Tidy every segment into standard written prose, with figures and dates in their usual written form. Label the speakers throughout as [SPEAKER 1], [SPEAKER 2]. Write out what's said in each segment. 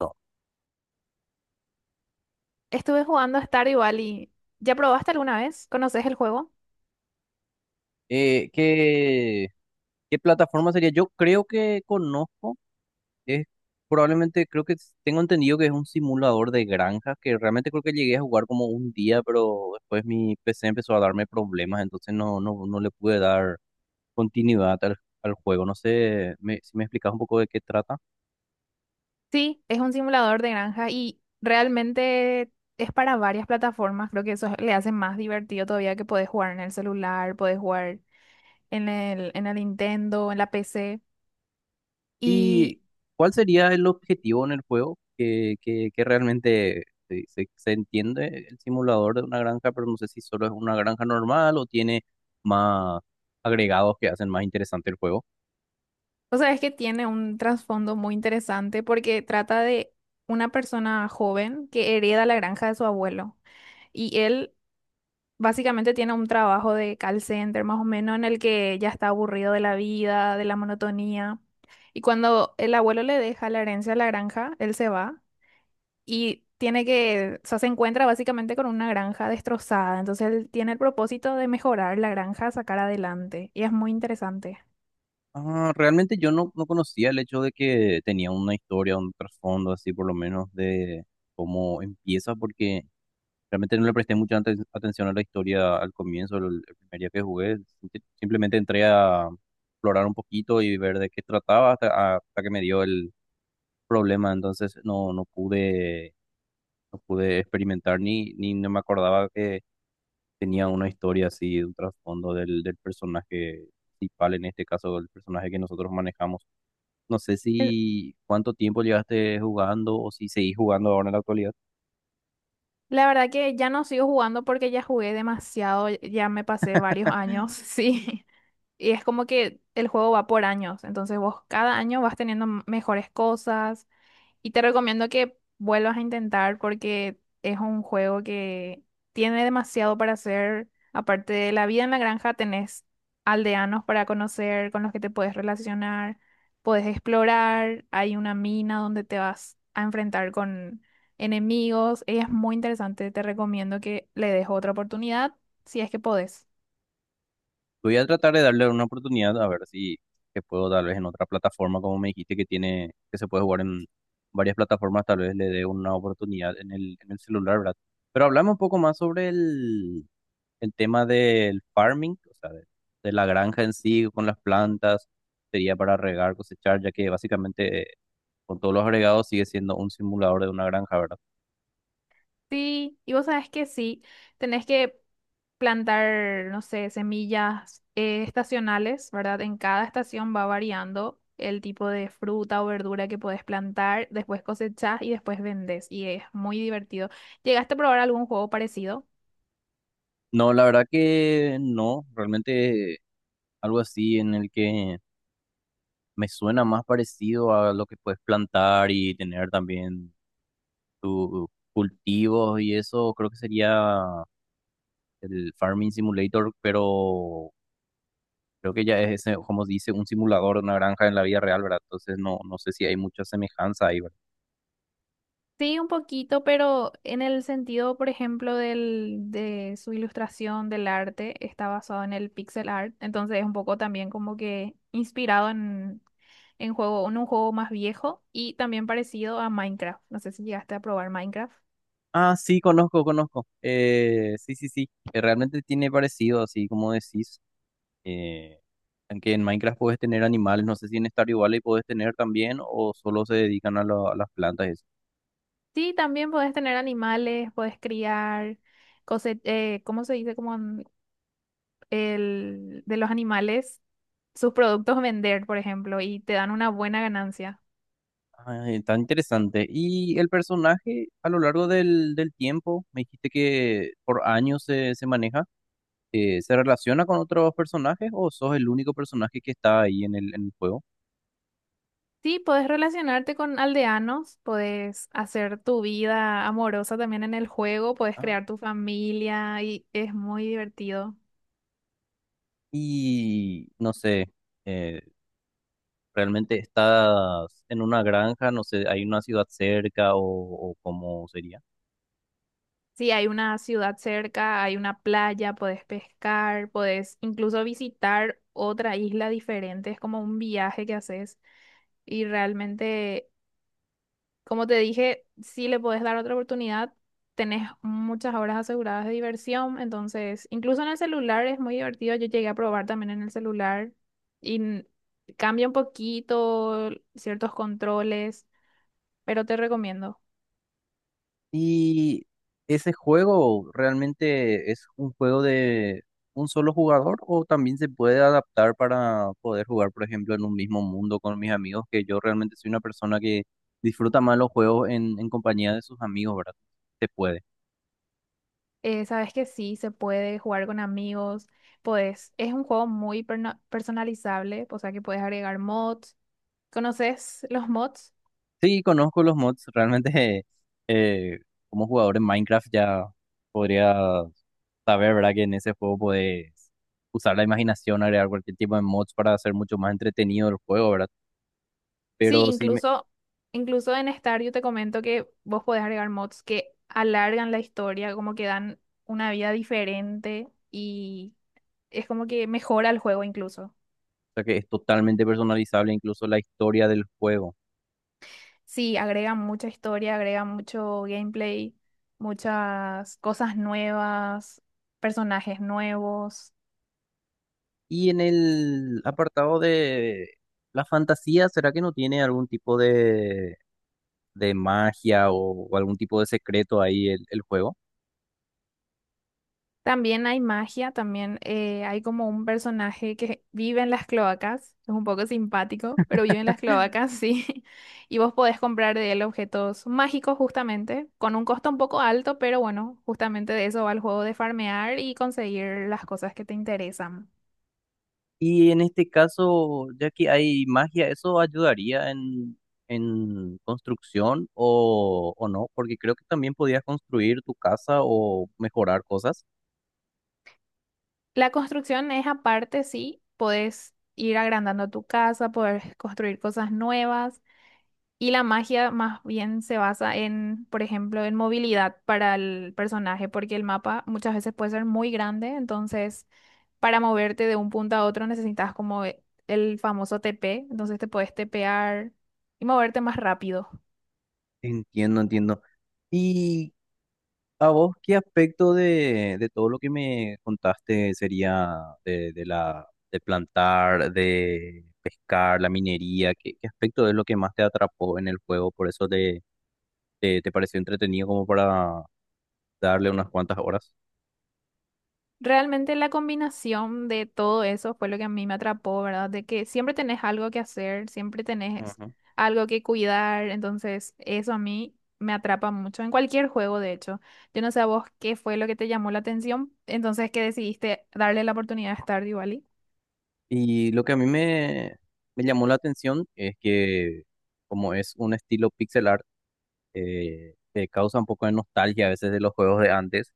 [SPEAKER 1] No.
[SPEAKER 2] Estuve jugando a Stardew Valley. ¿Ya probaste alguna vez? ¿Conoces el juego?
[SPEAKER 1] ¿Qué, qué plataforma sería? Yo creo que conozco, es probablemente, creo que tengo entendido que es un simulador de granja, que realmente creo que llegué a jugar como un día, pero después mi PC empezó a darme problemas, entonces no le pude dar continuidad al juego. No sé si me explicas un poco de qué trata.
[SPEAKER 2] Sí, es un simulador de granja y realmente es para varias plataformas. Creo que eso le hace más divertido todavía que podés jugar en el celular, podés jugar en el Nintendo, en la PC.
[SPEAKER 1] ¿Y
[SPEAKER 2] Y,
[SPEAKER 1] cuál sería el objetivo en el juego? Que realmente se entiende el simulador de una granja, pero no sé si solo es una granja normal o tiene más agregados que hacen más interesante el juego.
[SPEAKER 2] o sea, es que tiene un trasfondo muy interesante porque trata de una persona joven que hereda la granja de su abuelo. Y él básicamente tiene un trabajo de call center, más o menos, en el que ya está aburrido de la vida, de la monotonía. Y cuando el abuelo le deja la herencia a la granja, él se va y tiene que, o sea, se encuentra básicamente con una granja destrozada. Entonces él tiene el propósito de mejorar la granja, sacar adelante. Y es muy interesante.
[SPEAKER 1] Ah, realmente yo no conocía el hecho de que tenía una historia, un trasfondo así por lo menos de cómo empieza, porque realmente no le presté mucha atención a la historia al comienzo, el primer día que jugué. Simplemente entré a explorar un poquito y ver de qué trataba hasta que me dio el problema. Entonces no pude, no pude experimentar ni no me acordaba que tenía una historia así, un trasfondo del personaje principal, en este caso el personaje que nosotros manejamos. No sé si cuánto tiempo llevaste jugando o si seguís jugando ahora en la actualidad.
[SPEAKER 2] La verdad que ya no sigo jugando porque ya jugué demasiado, ya me pasé varios años, sí. Y es como que el juego va por años, entonces vos cada año vas teniendo mejores cosas, y te recomiendo que vuelvas a intentar porque es un juego que tiene demasiado para hacer. Aparte de la vida en la granja, tenés aldeanos para conocer, con los que te puedes relacionar, puedes explorar, hay una mina donde te vas a enfrentar con enemigos. Es muy interesante, te recomiendo que le des otra oportunidad si es que podés.
[SPEAKER 1] Voy a tratar de darle una oportunidad a ver si que puedo tal vez en otra plataforma, como me dijiste que tiene, que se puede jugar en varias plataformas, tal vez le dé una oportunidad en el celular, ¿verdad? Pero hablamos un poco más sobre el tema del farming, o sea, de la granja en sí, con las plantas, sería para regar, cosechar, ya que básicamente con todos los agregados sigue siendo un simulador de una granja, ¿verdad?
[SPEAKER 2] Sí, y vos sabés que sí, tenés que plantar, no sé, semillas estacionales, ¿verdad? En cada estación va variando el tipo de fruta o verdura que podés plantar, después cosechás y después vendés, y es muy divertido. ¿Llegaste a probar algún juego parecido?
[SPEAKER 1] No, la verdad que no, realmente algo así en el que me suena más parecido a lo que puedes plantar y tener también tus cultivos y eso. Creo que sería el Farming Simulator, pero creo que ya es ese, como dice, un simulador de una granja en la vida real, ¿verdad? Entonces no, no sé si hay mucha semejanza ahí, ¿verdad?
[SPEAKER 2] Sí, un poquito, pero en el sentido, por ejemplo, del, de su ilustración del arte, está basado en el pixel art, entonces es un poco también como que inspirado en juego, en un juego más viejo y también parecido a Minecraft. No sé si llegaste a probar Minecraft.
[SPEAKER 1] Ah, sí, conozco. Sí, sí. Realmente tiene parecido, así como decís. Eh, Aunque en Minecraft puedes tener animales, no sé si en Stardew Valley puedes tener también o solo se dedican a, a las plantas y eso.
[SPEAKER 2] Sí, también podés tener animales, podés criar, ¿cómo se dice? Como en el, de los animales, sus productos vender, por ejemplo, y te dan una buena ganancia.
[SPEAKER 1] Ah, está interesante. Y el personaje a lo largo del tiempo, me dijiste que por años se maneja, ¿se relaciona con otros personajes o sos el único personaje que está ahí en el juego?
[SPEAKER 2] Sí, podés relacionarte con aldeanos, podés hacer tu vida amorosa también en el juego, podés
[SPEAKER 1] Ah,
[SPEAKER 2] crear tu familia y es muy divertido.
[SPEAKER 1] y no sé, eh, ¿realmente estás en una granja? No sé, ¿hay una ciudad cerca o cómo sería?
[SPEAKER 2] Sí, hay una ciudad cerca, hay una playa, podés pescar, podés incluso visitar otra isla diferente, es como un viaje que haces y realmente, como te dije, si le podés dar otra oportunidad, tenés muchas horas aseguradas de diversión, entonces incluso en el celular es muy divertido, yo llegué a probar también en el celular y n- cambia un poquito ciertos controles, pero te recomiendo.
[SPEAKER 1] Y ese juego realmente es un juego de un solo jugador o también se puede adaptar para poder jugar, por ejemplo, en un mismo mundo con mis amigos, que yo realmente soy una persona que disfruta más los juegos en compañía de sus amigos, ¿verdad? Se puede.
[SPEAKER 2] Sabes que sí, se puede jugar con amigos, pues es un juego muy personalizable, o sea que puedes agregar mods. ¿Conoces los mods?
[SPEAKER 1] Sí, conozco los mods, realmente eh, como jugador en Minecraft ya podría saber, ¿verdad? Que en ese juego puedes usar la imaginación, agregar cualquier tipo de mods para hacer mucho más entretenido el juego, ¿verdad?
[SPEAKER 2] Sí,
[SPEAKER 1] Pero si
[SPEAKER 2] incluso en Stario te comento que vos podés agregar mods que alargan la historia, como que dan una vida diferente y es como que mejora el juego incluso.
[SPEAKER 1] sea que es totalmente personalizable incluso la historia del juego.
[SPEAKER 2] Sí, agrega mucha historia, agrega mucho gameplay, muchas cosas nuevas, personajes nuevos.
[SPEAKER 1] Y en el apartado de la fantasía, ¿será que no tiene algún tipo de magia o algún tipo de secreto ahí el juego?
[SPEAKER 2] También hay magia, también hay como un personaje que vive en las cloacas, es un poco simpático, pero vive en las cloacas, sí. Y vos podés comprar de él objetos mágicos justamente, con un costo un poco alto, pero bueno, justamente de eso va el juego de farmear y conseguir las cosas que te interesan.
[SPEAKER 1] Y en este caso, ya que hay magia, ¿eso ayudaría en construcción o no? Porque creo que también podías construir tu casa o mejorar cosas.
[SPEAKER 2] La construcción es aparte, sí, podés ir agrandando tu casa, podés construir cosas nuevas. Y la magia más bien se basa en, por ejemplo, en movilidad para el personaje, porque el mapa muchas veces puede ser muy grande, entonces para moverte de un punto a otro necesitas como el famoso TP, entonces te puedes tepear y moverte más rápido.
[SPEAKER 1] Entiendo, entiendo. Y ¿a vos qué aspecto de todo lo que me contaste sería de la de plantar, de pescar, la minería? ¿Qué, qué aspecto es lo que más te atrapó en el juego? Por eso te pareció entretenido como para darle unas cuantas horas.
[SPEAKER 2] Realmente la combinación de todo eso fue lo que a mí me atrapó, ¿verdad? De que siempre tenés algo que hacer, siempre tenés
[SPEAKER 1] Ujú.
[SPEAKER 2] algo que cuidar, entonces eso a mí me atrapa mucho en cualquier juego, de hecho. Yo no sé a vos qué fue lo que te llamó la atención, entonces que decidiste darle la oportunidad a Stardew Valley.
[SPEAKER 1] Y lo que a mí me llamó la atención es que como es un estilo pixel art, te causa un poco de nostalgia a veces de los juegos de antes.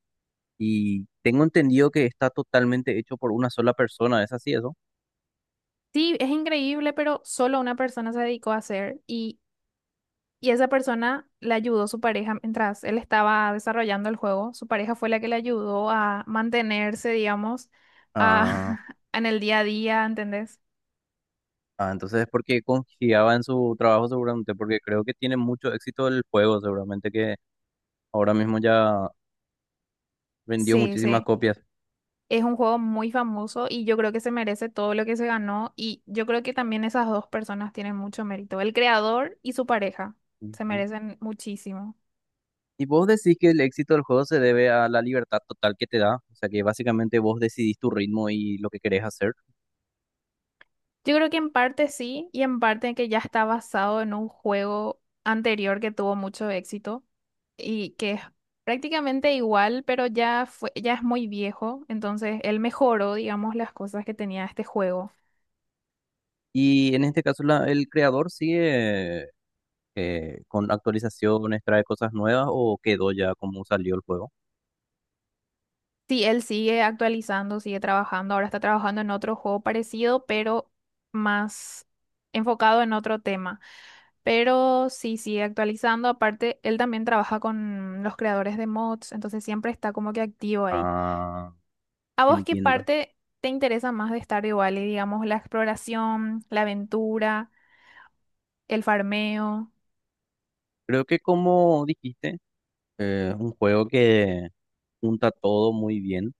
[SPEAKER 1] Y tengo entendido que está totalmente hecho por una sola persona, ¿es así eso?
[SPEAKER 2] Sí, es increíble, pero solo una persona se dedicó a hacer y Y esa persona le ayudó su pareja mientras él estaba desarrollando el juego. Su pareja fue la que le ayudó a mantenerse, digamos,
[SPEAKER 1] Ah,
[SPEAKER 2] a, en el día a día, ¿entendés?
[SPEAKER 1] ah, entonces es porque confiaba en su trabajo seguramente, porque creo que tiene mucho éxito el juego, seguramente que ahora mismo ya vendió
[SPEAKER 2] Sí,
[SPEAKER 1] muchísimas
[SPEAKER 2] sí.
[SPEAKER 1] copias.
[SPEAKER 2] Es un juego muy famoso y yo creo que se merece todo lo que se ganó. Y yo creo que también esas dos personas tienen mucho mérito. El creador y su pareja se
[SPEAKER 1] Ujú.
[SPEAKER 2] merecen muchísimo.
[SPEAKER 1] Y vos decís que el éxito del juego se debe a la libertad total que te da, o sea que básicamente vos decidís tu ritmo y lo que querés hacer.
[SPEAKER 2] Yo creo que en parte sí y en parte que ya está basado en un juego anterior que tuvo mucho éxito, y que es prácticamente igual, pero ya fue, ya es muy viejo, entonces él mejoró, digamos, las cosas que tenía este juego.
[SPEAKER 1] Y en este caso el creador sigue con actualizaciones, trae cosas nuevas o quedó ya como salió el juego.
[SPEAKER 2] Sí, él sigue actualizando, sigue trabajando, ahora está trabajando en otro juego parecido, pero más enfocado en otro tema. Pero sí, sigue actualizando, aparte, él también trabaja con los creadores de mods, entonces siempre está como que activo ahí.
[SPEAKER 1] Ah.
[SPEAKER 2] ¿A vos qué
[SPEAKER 1] Entiendo.
[SPEAKER 2] parte te interesa más de Stardew Valley? Digamos, la exploración, la aventura, el farmeo.
[SPEAKER 1] Creo que como dijiste, un juego que junta todo muy bien.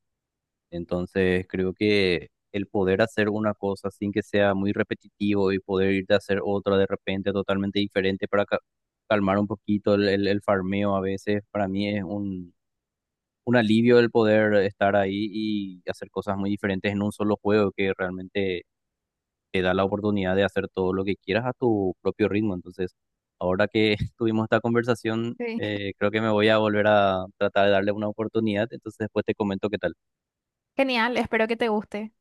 [SPEAKER 1] Entonces creo que el poder hacer una cosa sin que sea muy repetitivo y poder irte a hacer otra de repente totalmente diferente para calmar un poquito el farmeo a veces, para mí es un alivio el poder estar ahí y hacer cosas muy diferentes en un solo juego que realmente te da la oportunidad de hacer todo lo que quieras a tu propio ritmo. Entonces, ahora que tuvimos esta conversación,
[SPEAKER 2] Sí.
[SPEAKER 1] creo que me voy a volver a tratar de darle una oportunidad. Entonces, después te comento qué tal.
[SPEAKER 2] Genial, espero que te guste.